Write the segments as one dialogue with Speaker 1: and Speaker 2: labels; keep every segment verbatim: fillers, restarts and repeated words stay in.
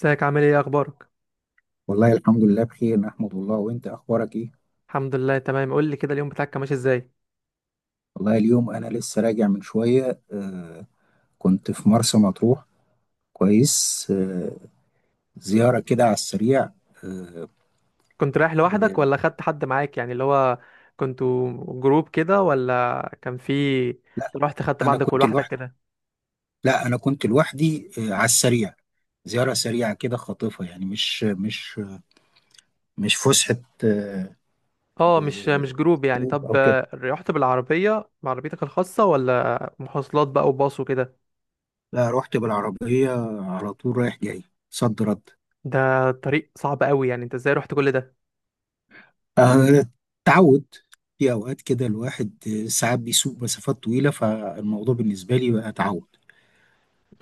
Speaker 1: ازيك؟ عامل ايه؟ إيه اخبارك؟
Speaker 2: والله الحمد لله بخير، نحمد الله. وانت اخبارك ايه؟
Speaker 1: الحمد لله، تمام. قول لي كده، اليوم بتاعك كان ماشي ازاي؟
Speaker 2: والله اليوم انا لسه راجع من شوية. آه. كنت في مرسى مطروح. كويس. آه. زيارة كده على السريع. آه.
Speaker 1: كنت رايح لوحدك
Speaker 2: آه.
Speaker 1: ولا خدت حد معاك؟ يعني اللي هو كنتوا جروب كده ولا كان في؟
Speaker 2: لا،
Speaker 1: رحت خدت
Speaker 2: انا
Speaker 1: بعضك
Speaker 2: كنت
Speaker 1: ولوحدك
Speaker 2: لوحدي.
Speaker 1: كده؟
Speaker 2: لا، انا كنت لوحدي، آه، على السريع. زيارة سريعة كده خاطفة، يعني مش مش مش فسحة. آه.
Speaker 1: اه، مش
Speaker 2: آه،
Speaker 1: مش جروب يعني. طب،
Speaker 2: او كده.
Speaker 1: آه، رحت بالعربية بعربيتك الخاصة، ولا مواصلات بقى وباص وكده؟
Speaker 2: لا، رحت بالعربية على طول، رايح جاي، صد رد.
Speaker 1: ده طريق صعب قوي، يعني انت ازاي رحت كل ده؟
Speaker 2: آه، تعود. في أوقات كده الواحد، آه، ساعات بيسوق مسافات طويلة، فالموضوع بالنسبة لي بقى تعود.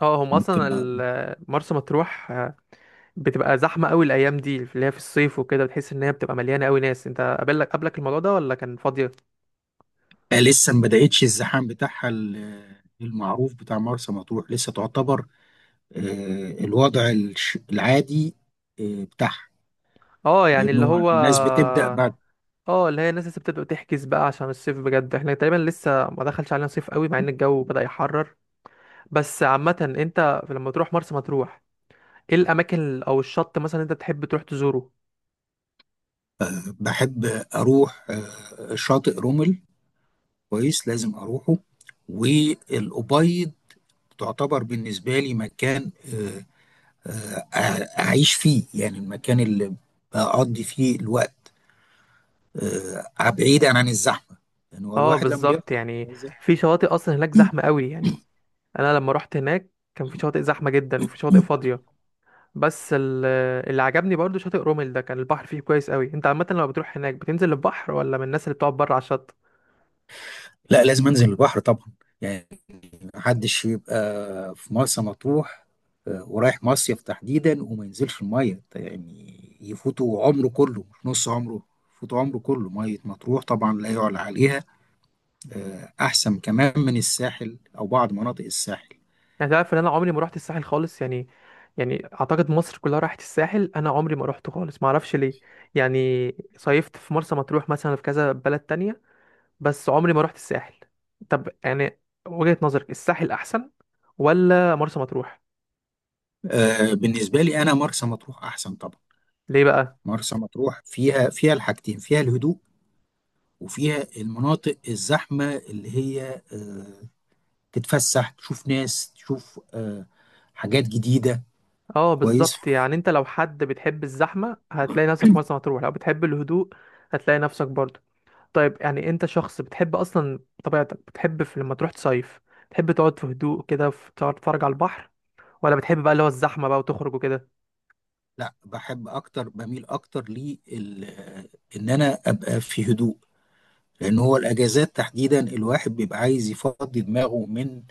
Speaker 1: اه، هم
Speaker 2: ممكن.
Speaker 1: اصلا
Speaker 2: أ- آه،
Speaker 1: ال- مرسى مطروح آه، بتبقى زحمه قوي الايام دي اللي هي في الصيف وكده. بتحس ان هي بتبقى مليانه قوي ناس. انت قابلك قبلك الموضوع ده ولا كان فاضيه؟
Speaker 2: لسه ما بدأتش الزحام بتاعها، ال- آه، المعروف بتاع مرسى مطروح لسه تعتبر آه، الوضع الش- العادي آه، بتاعها.
Speaker 1: اه يعني اللي
Speaker 2: لأنه
Speaker 1: هو.
Speaker 2: الناس بتبدأ بعد.
Speaker 1: اه اللي هي الناس لسه بتبدأ تحجز بقى عشان الصيف. بجد احنا تقريبا لسه ما دخلش علينا صيف قوي مع ان الجو بدأ يحرر. بس عامة انت لما تروح مرسى مطروح، ايه الاماكن ال- او الشط مثلا انت بتحب تروح تزوره؟
Speaker 2: بحب أروح آه، شاطئ رمل. كويس، لازم أروحه. والأبيض تعتبر بالنسبة لي مكان، آه، أع- اعيش فيه، يعني المكان اللي اقضي فيه الوقت، آه، بعيدا عن الزحمه. يعني هو
Speaker 1: اه،
Speaker 2: الواحد لما
Speaker 1: بالظبط.
Speaker 2: بيخرج من
Speaker 1: يعني في
Speaker 2: الزحمة.
Speaker 1: شواطئ اصلا هناك زحمة قوي يعني. انا لما رحت هناك كان في شواطئ زحمة جدا وفي شواطئ فاضية. بس ال- اللي عجبني برضو شاطئ رومل ده، كان البحر فيه كويس قوي. انت عامة لما بتروح هناك بتنزل البحر ولا من الناس اللي بتقعد بره على الشط؟
Speaker 2: لا، لازم انزل البحر طبعا. يعني محدش يبقى في مرسى مطروح آه، ورايح مصيف تحديدا وما ينزلش الميه، يعني يفوتوا عمره كله مش نص عمره، يفوتوا عمره كله. ميه مطروح طبعا لا يعلى عليها، آه، احسن كمان من الساحل او بعض مناطق الساحل.
Speaker 1: يعني تعرف ان انا عمري ما رحت الساحل خالص يعني. يعني اعتقد مصر كلها راحت الساحل، انا عمري ما رحته خالص، ما اعرفش ليه يعني. صيفت في مرسى مطروح مثلا في كذا بلد تانية، بس عمري ما رحت الساحل. طب يعني وجهة نظرك الساحل احسن ولا مرسى مطروح؟
Speaker 2: آه، بالنسبه لي انا مرسى مطروح احسن طبعا.
Speaker 1: ليه بقى؟
Speaker 2: مرسى مطروح فيها فيها الحاجتين، فيها الهدوء، وفيها المناطق الزحمة، اللي هي آه، تتفسح، تشوف ناس، تشوف آه، حاجات جديدة.
Speaker 1: اه
Speaker 2: كويس.
Speaker 1: بالظبط، يعني انت لو حد بتحب الزحمة هتلاقي نفسك في مرسى مطروح، لو بتحب الهدوء هتلاقي نفسك برضه. طيب يعني انت شخص بتحب اصلا، طبيعتك بتحب في لما تروح تصيف تحب تقعد في هدوء كده، في- تقعد تتفرج على البحر، ولا بتحب بقى اللي هو الزحمه بقى وتخرج وكده؟
Speaker 2: لا، بحب اكتر، بميل اكتر لي ال- آه، ان انا ابقى في هدوء. لان هو الاجازات تحديدا الواحد بيبقى عايز يفضي دماغه من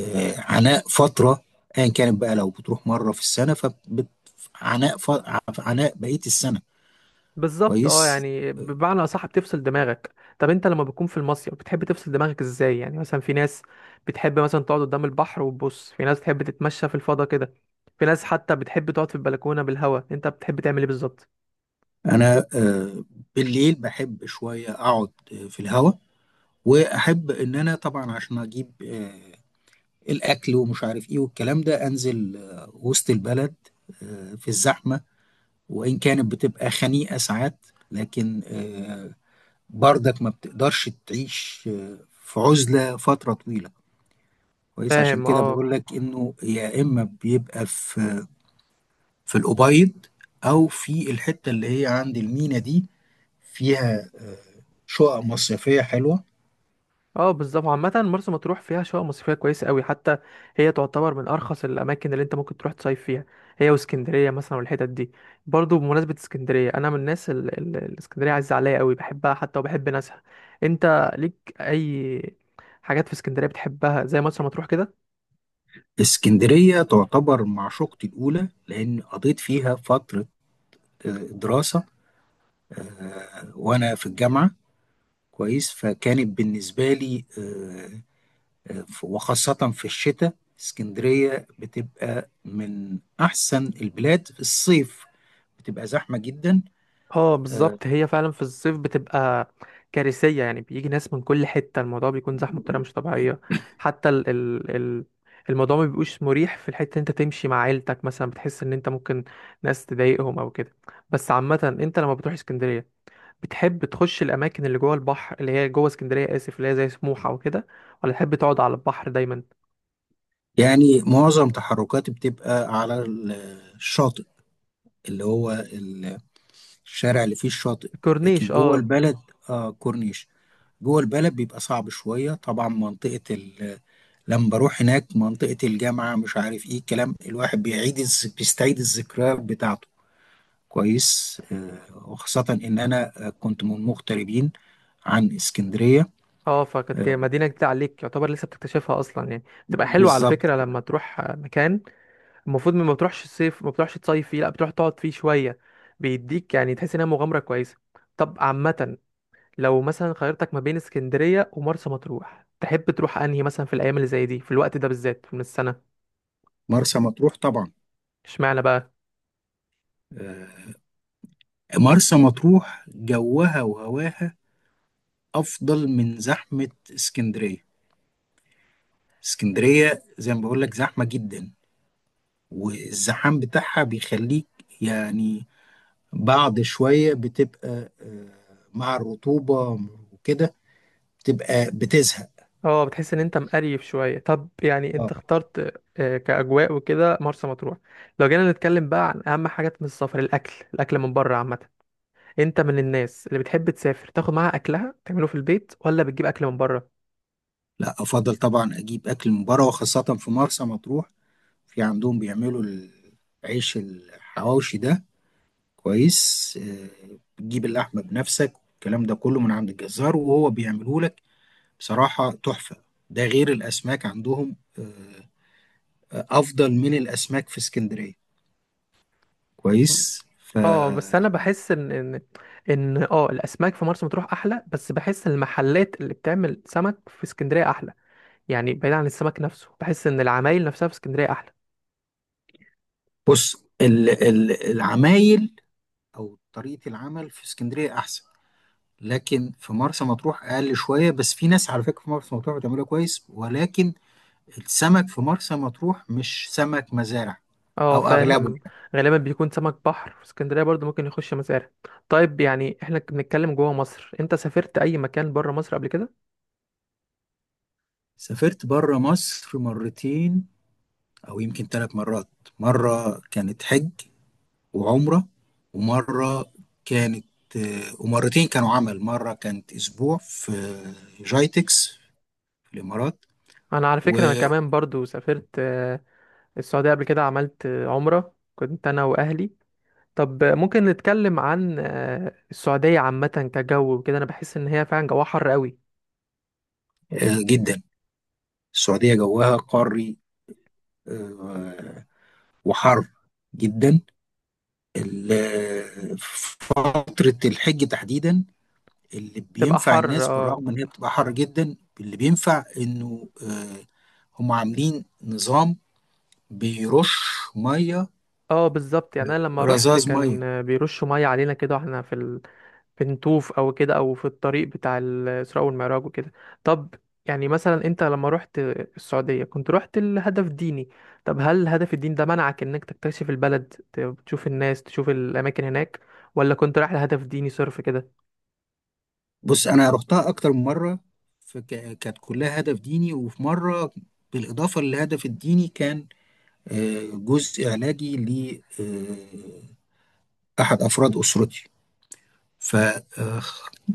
Speaker 2: آه، عناء فترة، ايا كانت بقى. لو بتروح مرة في السنة فعناء، عناء ف- عناء بقية السنة.
Speaker 1: بالظبط اه،
Speaker 2: كويس.
Speaker 1: يعني بمعنى اصح بتفصل دماغك. طب انت لما بتكون في المصيف بتحب تفصل دماغك ازاي؟ يعني مثلا في ناس بتحب مثلا تقعد قدام البحر وتبص، في ناس بتحب تتمشى في الفضاء كده، في ناس حتى بتحب تقعد في البلكونه بالهواء. انت بتحب تعمل ايه بالظبط؟
Speaker 2: انا، آه، بالليل بحب شويه اقعد آه، في الهوا، واحب ان انا طبعا عشان اجيب، آه، الاكل ومش عارف ايه والكلام ده، انزل آه، وسط البلد، آه، في الزحمه. وان كانت بتبقى خنيقه ساعات، لكن آه، برضك ما بتقدرش تعيش آه، في عزله فتره طويله. كويس، عشان
Speaker 1: فاهم
Speaker 2: كده
Speaker 1: اه.
Speaker 2: بقول لك انه يا اما بيبقى في في الأبيض، او في الحته اللي هي عند المينا دي، فيها آه، شقق مصيفية حلوة.
Speaker 1: اه بالظبط، عامة مرسى مطروح فيها شقق مصيفية كويسة قوي حتى، هي تعتبر من أرخص الأماكن اللي أنت ممكن تروح تصيف فيها، هي واسكندرية مثلا والحتت دي. برضو بمناسبة اسكندرية، أنا من الناس ال- ال- الاسكندرية عزيزة عليا قوي، بحبها حتى وبحب ناسها. أنت ليك أي حاجات في اسكندرية بتحبها زي مرسى مطروح كده؟
Speaker 2: اسكندرية تعتبر معشوقتي الأولى، لأن قضيت فيها فترة آه، دراسة آه، وأنا في الجامعة. كويس، فكانت بالنسبة لي آه، آه، ف- وخاصة في الشتاء اسكندرية بتبقى من أحسن البلاد. في الصيف بتبقى زحمة جدا.
Speaker 1: اه بالظبط، هي فعلا في الصيف بتبقى كارثية. يعني بيجي ناس من كل حتة، الموضوع بيكون زحمة بطريقة مش طبيعية. حتى ال ال ال الموضوع ما بيبقوش مريح في الحتة. انت تمشي مع عيلتك مثلا بتحس ان انت ممكن ناس تضايقهم او كده. بس عامة انت لما بتروح اسكندرية بتحب تخش الاماكن اللي جوه البحر اللي هي جوه اسكندرية، اسف، اللي هي زي سموحة وكده، ولا تحب تقعد على البحر دايما؟
Speaker 2: يعني معظم تحركاتي بتبقى على الشاطئ، اللي هو الشارع اللي فيه الشاطئ.
Speaker 1: الكورنيش
Speaker 2: لكن جوه
Speaker 1: اه.
Speaker 2: البلد، آه كورنيش، جوه البلد بيبقى صعب شوية طبعا. منطقة. ال... لما بروح هناك منطقة الجامعة، مش عارف ايه الكلام، الواحد بيعيد الز... بيستعيد الذكريات بتاعته. كويس. آه، وخاصة ان انا آه، كنت من مغتربين عن اسكندرية.
Speaker 1: اه، فكانت كده
Speaker 2: آه،
Speaker 1: مدينة جديدة عليك يعتبر لسه بتكتشفها اصلا. يعني بتبقى حلوة على
Speaker 2: بالظبط
Speaker 1: فكرة
Speaker 2: كده.
Speaker 1: لما تروح مكان المفروض ما بتروحش الصيف، ما بتروحش تصيف فيه لا بتروح تقعد فيه شويه، بيديك يعني تحس انها مغامره كويسه. طب عامه لو مثلا خيرتك ما بين اسكندريه ومرسى مطروح تحب تروح انهي مثلا في الايام اللي زي دي في الوقت ده بالذات من السنه؟
Speaker 2: مرسى مطروح طبعا.
Speaker 1: اشمعنى بقى؟
Speaker 2: آه. مرسى مطروح جوها وهواها افضل من زحمة اسكندرية. اسكندرية زي ما بقول لك زحمة جدا، والزحام بتاعها بيخليك، يعني بعد شوية بتبقى آه، مع الرطوبة وكده، بتبقى بتزهق.
Speaker 1: اه بتحس ان انت مقريف شويه. طب يعني انت
Speaker 2: اه.
Speaker 1: اخترت آه، كاجواء وكده مرسى مطروح. لو جينا نتكلم بقى عن اهم حاجات من السفر، الاكل. الاكل من بره عامه، انت من الناس اللي بتحب تسافر تاخد معاها اكلها تعمله في البيت ولا بتجيب اكل من بره؟
Speaker 2: لا، أفضل طبعا أجيب أكل من بره، وخاصة في مرسى مطروح. في عندهم بيعملوا العيش الحواوشي ده. كويس. آه، بتجيب اللحمة بنفسك، الكلام ده كله، من عند الجزار وهو بيعمله لك، بصراحة تحفة. ده غير الأسماك عندهم، آه، آه، أفضل من الأسماك في اسكندرية. كويس. ف
Speaker 1: اه بس انا بحس ان ان ان اه الاسماك في مرسى مطروح احلى، بس بحس المحلات اللي بتعمل سمك في اسكندريه احلى. يعني بعيد عن السمك نفسه بحس ان العمايل نفسها في اسكندريه احلى.
Speaker 2: بص، ال- ال- العمايل او طريقه العمل في اسكندريه احسن. لكن في مرسى مطروح اقل شويه. بس في ناس على فكره في مرسى مطروح بتعملها كويس، ولكن السمك في مرسى مطروح مش سمك مزارع
Speaker 1: اه
Speaker 2: او اغلبه.
Speaker 1: فاهم. غالبا بيكون سمك بحر، في اسكندريه برضو ممكن يخش مزارع. طيب يعني احنا بنتكلم جوه مصر، انت سافرت اي مكان بره مصر قبل كده؟
Speaker 2: سافرت بره مصر مرتين، او يمكن ثلاث مرات. مره كانت حج وعمره، ومره كانت، آه، ومرتين كانوا عمل. مره كانت اسبوع في جايتكس في الامارات
Speaker 1: انا على فكره انا كمان برضو سافرت آه، السعوديه قبل كده، عملت آه، عمره كنت انا واهلي. طب ممكن نتكلم عن آه، السعودية عامة كجو وكده. أنا بحس إن هي فعلا جواها حر قوي.
Speaker 2: وجده. السعودية جوها قاري، آه، وحر جدا. ال- فترة الحج تحديدا، اللي
Speaker 1: تبقى
Speaker 2: بينفع
Speaker 1: حر
Speaker 2: الناس،
Speaker 1: اه.
Speaker 2: بالرغم ان هي بتبقى حر جدا، اللي بينفع انه آه، هم عاملين نظام بيرش مية.
Speaker 1: اه بالظبط، يعني أنا لما روحت
Speaker 2: رذاذ
Speaker 1: كان
Speaker 2: مية.
Speaker 1: آه، بيرشوا مية علينا كده واحنا في ال... في نطوف أو كده، أو في الطريق بتاع الإسراء والمعراج وكده. طب يعني مثلا أنت لما روحت السعودية كنت روحت لهدف ديني. طب هل هدف الدين ده منعك إنك تكتشف البلد، ت- تشوف الناس تشوف الأماكن هناك، ولا كنت رايح لهدف ديني صرف كده؟
Speaker 2: بص، انا رحتها اكتر من مرة، فك- كانت كلها هدف ديني. وفي مرة بالاضافة للهدف الديني، كان آه، جزء علاجي ل آه، احد افراد اسرتي. ف آه،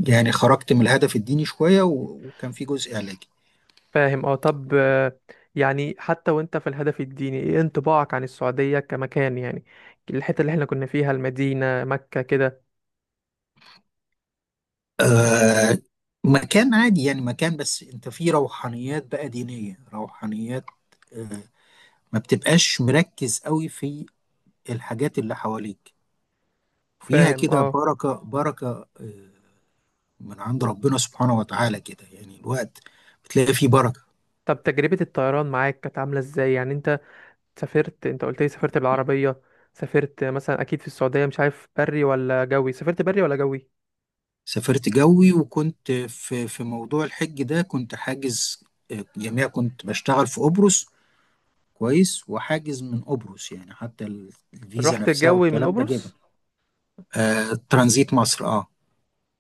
Speaker 2: يعني خرجت من الهدف الديني شوية، و- وكان في جزء علاجي.
Speaker 1: فاهم اه. طب آه، يعني حتى وانت في الهدف الديني ايه انطباعك عن السعودية كمكان يعني الحتة اللي احنا كنا فيها المدينة مكة كده؟
Speaker 2: آه. مكان عادي، يعني مكان، بس انت فيه روحانيات بقى، دينية، روحانيات. آه. ما بتبقاش مركز قوي في الحاجات اللي حواليك. فيها
Speaker 1: فاهم
Speaker 2: كده
Speaker 1: اه.
Speaker 2: بركة بركة، آه، من عند ربنا سبحانه وتعالى، كده يعني الوقت بتلاقي فيه بركة.
Speaker 1: طب تجربة الطيران معاك كانت عاملة ازاي يعني؟ انت سافرت، انت قلت لي سافرت بالعربية، سافرت مثلا اكيد في السعودية مش عارف بري ولا جوي. سافرت بري ولا جوي؟
Speaker 2: سافرت جوي، وكنت في في موضوع الحج ده، كنت حاجز، آه، جميع كنت بشتغل في قبرص. كويس، وحاجز من قبرص، يعني حتى ال- الفيزا
Speaker 1: رحت
Speaker 2: نفسها
Speaker 1: الجوي من
Speaker 2: والكلام ده جابه.
Speaker 1: قبرص.
Speaker 2: آه، ترانزيت مصر. اه.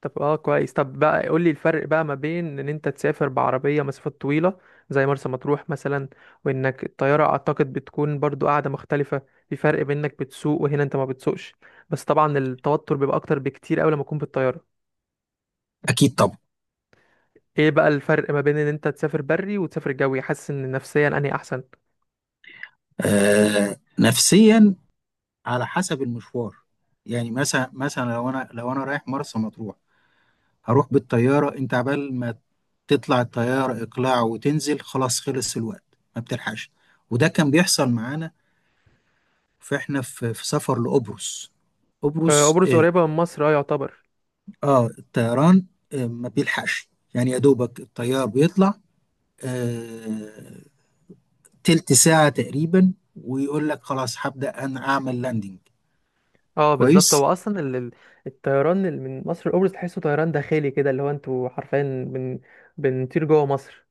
Speaker 1: طب اه كويس. طب بقى قول لي الفرق بقى ما بين ان انت تسافر بعربية مسافات طويلة زي مرسى مطروح مثلا، وانك الطيارة اعتقد بتكون برضو قاعدة مختلفة. في فرق بين انك بتسوق وهنا انت ما بتسوقش. بس طبعا التوتر بيبقى اكتر بكتير اوي لما تكون بالطيارة.
Speaker 2: اكيد طبعا.
Speaker 1: ايه بقى الفرق ما بين ان انت تسافر بري وتسافر جوي، حاسس ان نفسيا انهي احسن؟
Speaker 2: آه، نفسيا على حسب المشوار. يعني مثلا مثلا لو انا لو انا رايح مرسى مطروح، هروح بالطياره. انت عبال ما تطلع الطياره اقلاع وتنزل، خلاص، خلص الوقت، ما بتلحقش. وده كان بيحصل معانا، فاحنا في, في سفر لقبرص.
Speaker 1: آه،
Speaker 2: قبرص.
Speaker 1: قبرص قريبة من مصر اه يعتبر.
Speaker 2: اه، الطيران آه، ما بيلحقش. يعني يا دوبك الطيار بيطلع آه، تلت ساعة تقريبا، ويقول لك خلاص، هبدأ أنا أعمل لاندنج.
Speaker 1: اه بالظبط، هو
Speaker 2: كويس.
Speaker 1: اصلا ال- ال- الطيران اللي من مصر لقبرص تحسه طيران داخلي كده، اللي هو انتوا حرفيا بن... بنطير جوه مصر.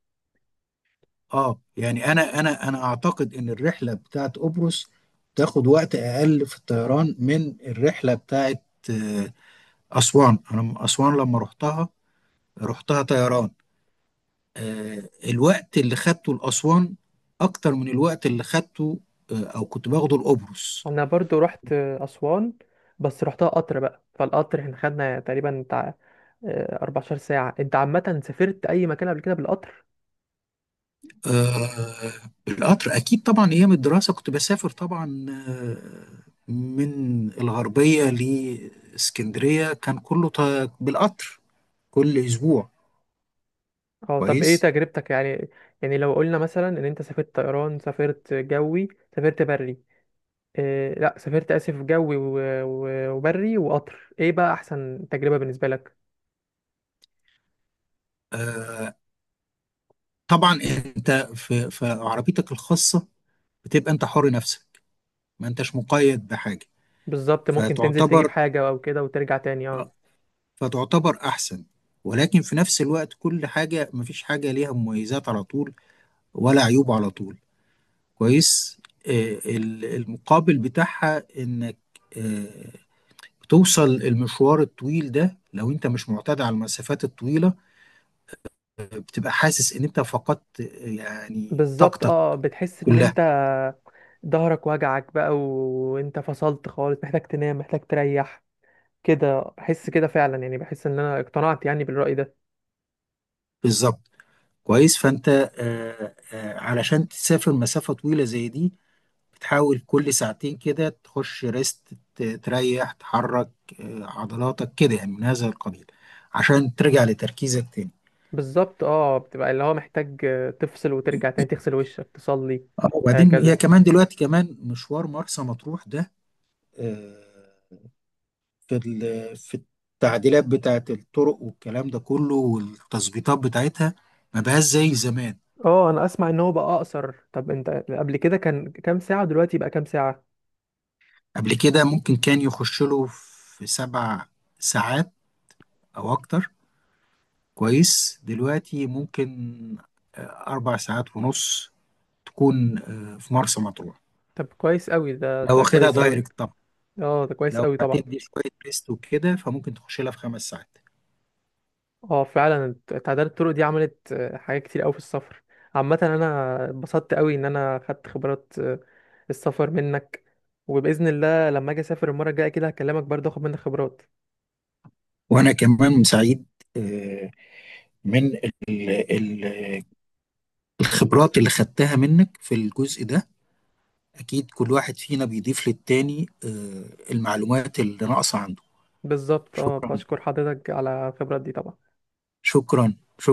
Speaker 2: اه، يعني أنا أنا أنا أعتقد إن الرحلة بتاعت قبرص تاخد وقت أقل في الطيران من الرحلة بتاعت آه، أسوان. أنا من أسوان، لما رحتها رحتها طيران، آه، الوقت اللي خدته لأسوان أكتر من الوقت اللي خدته آه، أو كنت باخده لقبرص.
Speaker 1: انا برضو رحت اسوان، بس رحتها قطر. بقى فالقطر احنا خدنا تقريبا بتاع آه، أربعة عشر ساعه. انت عامه سافرت اي مكان قبل كده بالقطر؟
Speaker 2: آه، القطر أكيد طبعا. أيام الدراسة كنت بسافر طبعا، آه من الغربية لإسكندرية كان كله ط- بالقطر، كل أسبوع.
Speaker 1: اه طب ايه
Speaker 2: كويس.
Speaker 1: تجربتك يعني؟ يعني لو قلنا مثلا ان انت سافرت طيران، سافرت جوي، سافرت بري، إيه لا سافرت اسف جوي و- و- وبري وقطر، ايه بقى احسن تجربه بالنسبه لك؟
Speaker 2: آه طبعا. أنت في, في عربيتك الخاصة بتبقى أنت حر نفسك، ما أنتش مقيد بحاجة.
Speaker 1: بالظبط ممكن تنزل تجيب
Speaker 2: فتعتبر
Speaker 1: حاجه او كده وترجع تاني اه.
Speaker 2: آه، فتعتبر أحسن، ولكن في نفس الوقت كل حاجة، مفيش حاجة ليها مميزات على طول ولا عيوب على طول. كويس. آه، ال- المقابل بتاعها انك، آه، بتوصل المشوار الطويل ده، لو انت مش معتاد على المسافات الطويلة بتبقى حاسس ان انت فقدت آه، يعني
Speaker 1: بالظبط
Speaker 2: طاقتك
Speaker 1: اه، بتحس ان
Speaker 2: كلها.
Speaker 1: انت ظهرك وجعك بقى و- وانت فصلت خالص، محتاج تنام محتاج تريح كده. احس كده فعلا يعني. بحس ان انا اقتنعت يعني بالرأي ده.
Speaker 2: بالظبط. كويس، فانت آه، آه، علشان تسافر مسافة طويلة زي دي، بتحاول كل ساعتين كده تخش ريست، ت- تريح، تحرك آه، عضلاتك كده، يعني من هذا القبيل، عشان ترجع لتركيزك تاني.
Speaker 1: بالظبط اه، بتبقى اللي هو محتاج آه، تفصل وترجع تاني تغسل وشك تصلي.
Speaker 2: اه، وبعدين هي
Speaker 1: هكذا.
Speaker 2: كمان دلوقتي، كمان مشوار مرسى مطروح ده، آه، في ال- في التعديلات بتاعت الطرق والكلام ده كله، والتظبيطات بتاعتها ما بقاش زي زمان.
Speaker 1: اه انا اسمع ان هو بقى اقصر. طب انت قبل كده كان كام ساعة، دلوقتي بقى كام ساعة؟
Speaker 2: قبل كده ممكن كان يخش له في سبع ساعات او اكتر. كويس. دلوقتي ممكن آه، اربع ساعات ونص تكون آه، في مرسى مطروح،
Speaker 1: طب كويس قوي، ده
Speaker 2: لو
Speaker 1: ده
Speaker 2: واخدها
Speaker 1: كويس قوي.
Speaker 2: دايركت طبعا.
Speaker 1: اه ده كويس
Speaker 2: لو
Speaker 1: قوي طبعا.
Speaker 2: هتدي شوية ريست وكده، فممكن تخش لها في خمس ساعات.
Speaker 1: اه فعلا. تعداد الطرق دي عملت آه، حاجات كتير قوي في السفر. عامة انا اتبسطت قوي ان انا خدت خبرات آه، السفر منك. وبإذن الله لما اجي اسافر المرة الجاية كده هكلمك برضه اخد منك خبرات.
Speaker 2: وانا كمان سعيد آه، من ال- ال- الخبرات اللي خدتها منك في الجزء ده. أكيد كل واحد فينا بيضيف للتاني آه، المعلومات اللي ناقصة عنده.
Speaker 1: بالظبط اه
Speaker 2: شكرا،
Speaker 1: بشكر حضرتك على الخبرات دي طبعا.
Speaker 2: شكرا، شكرا.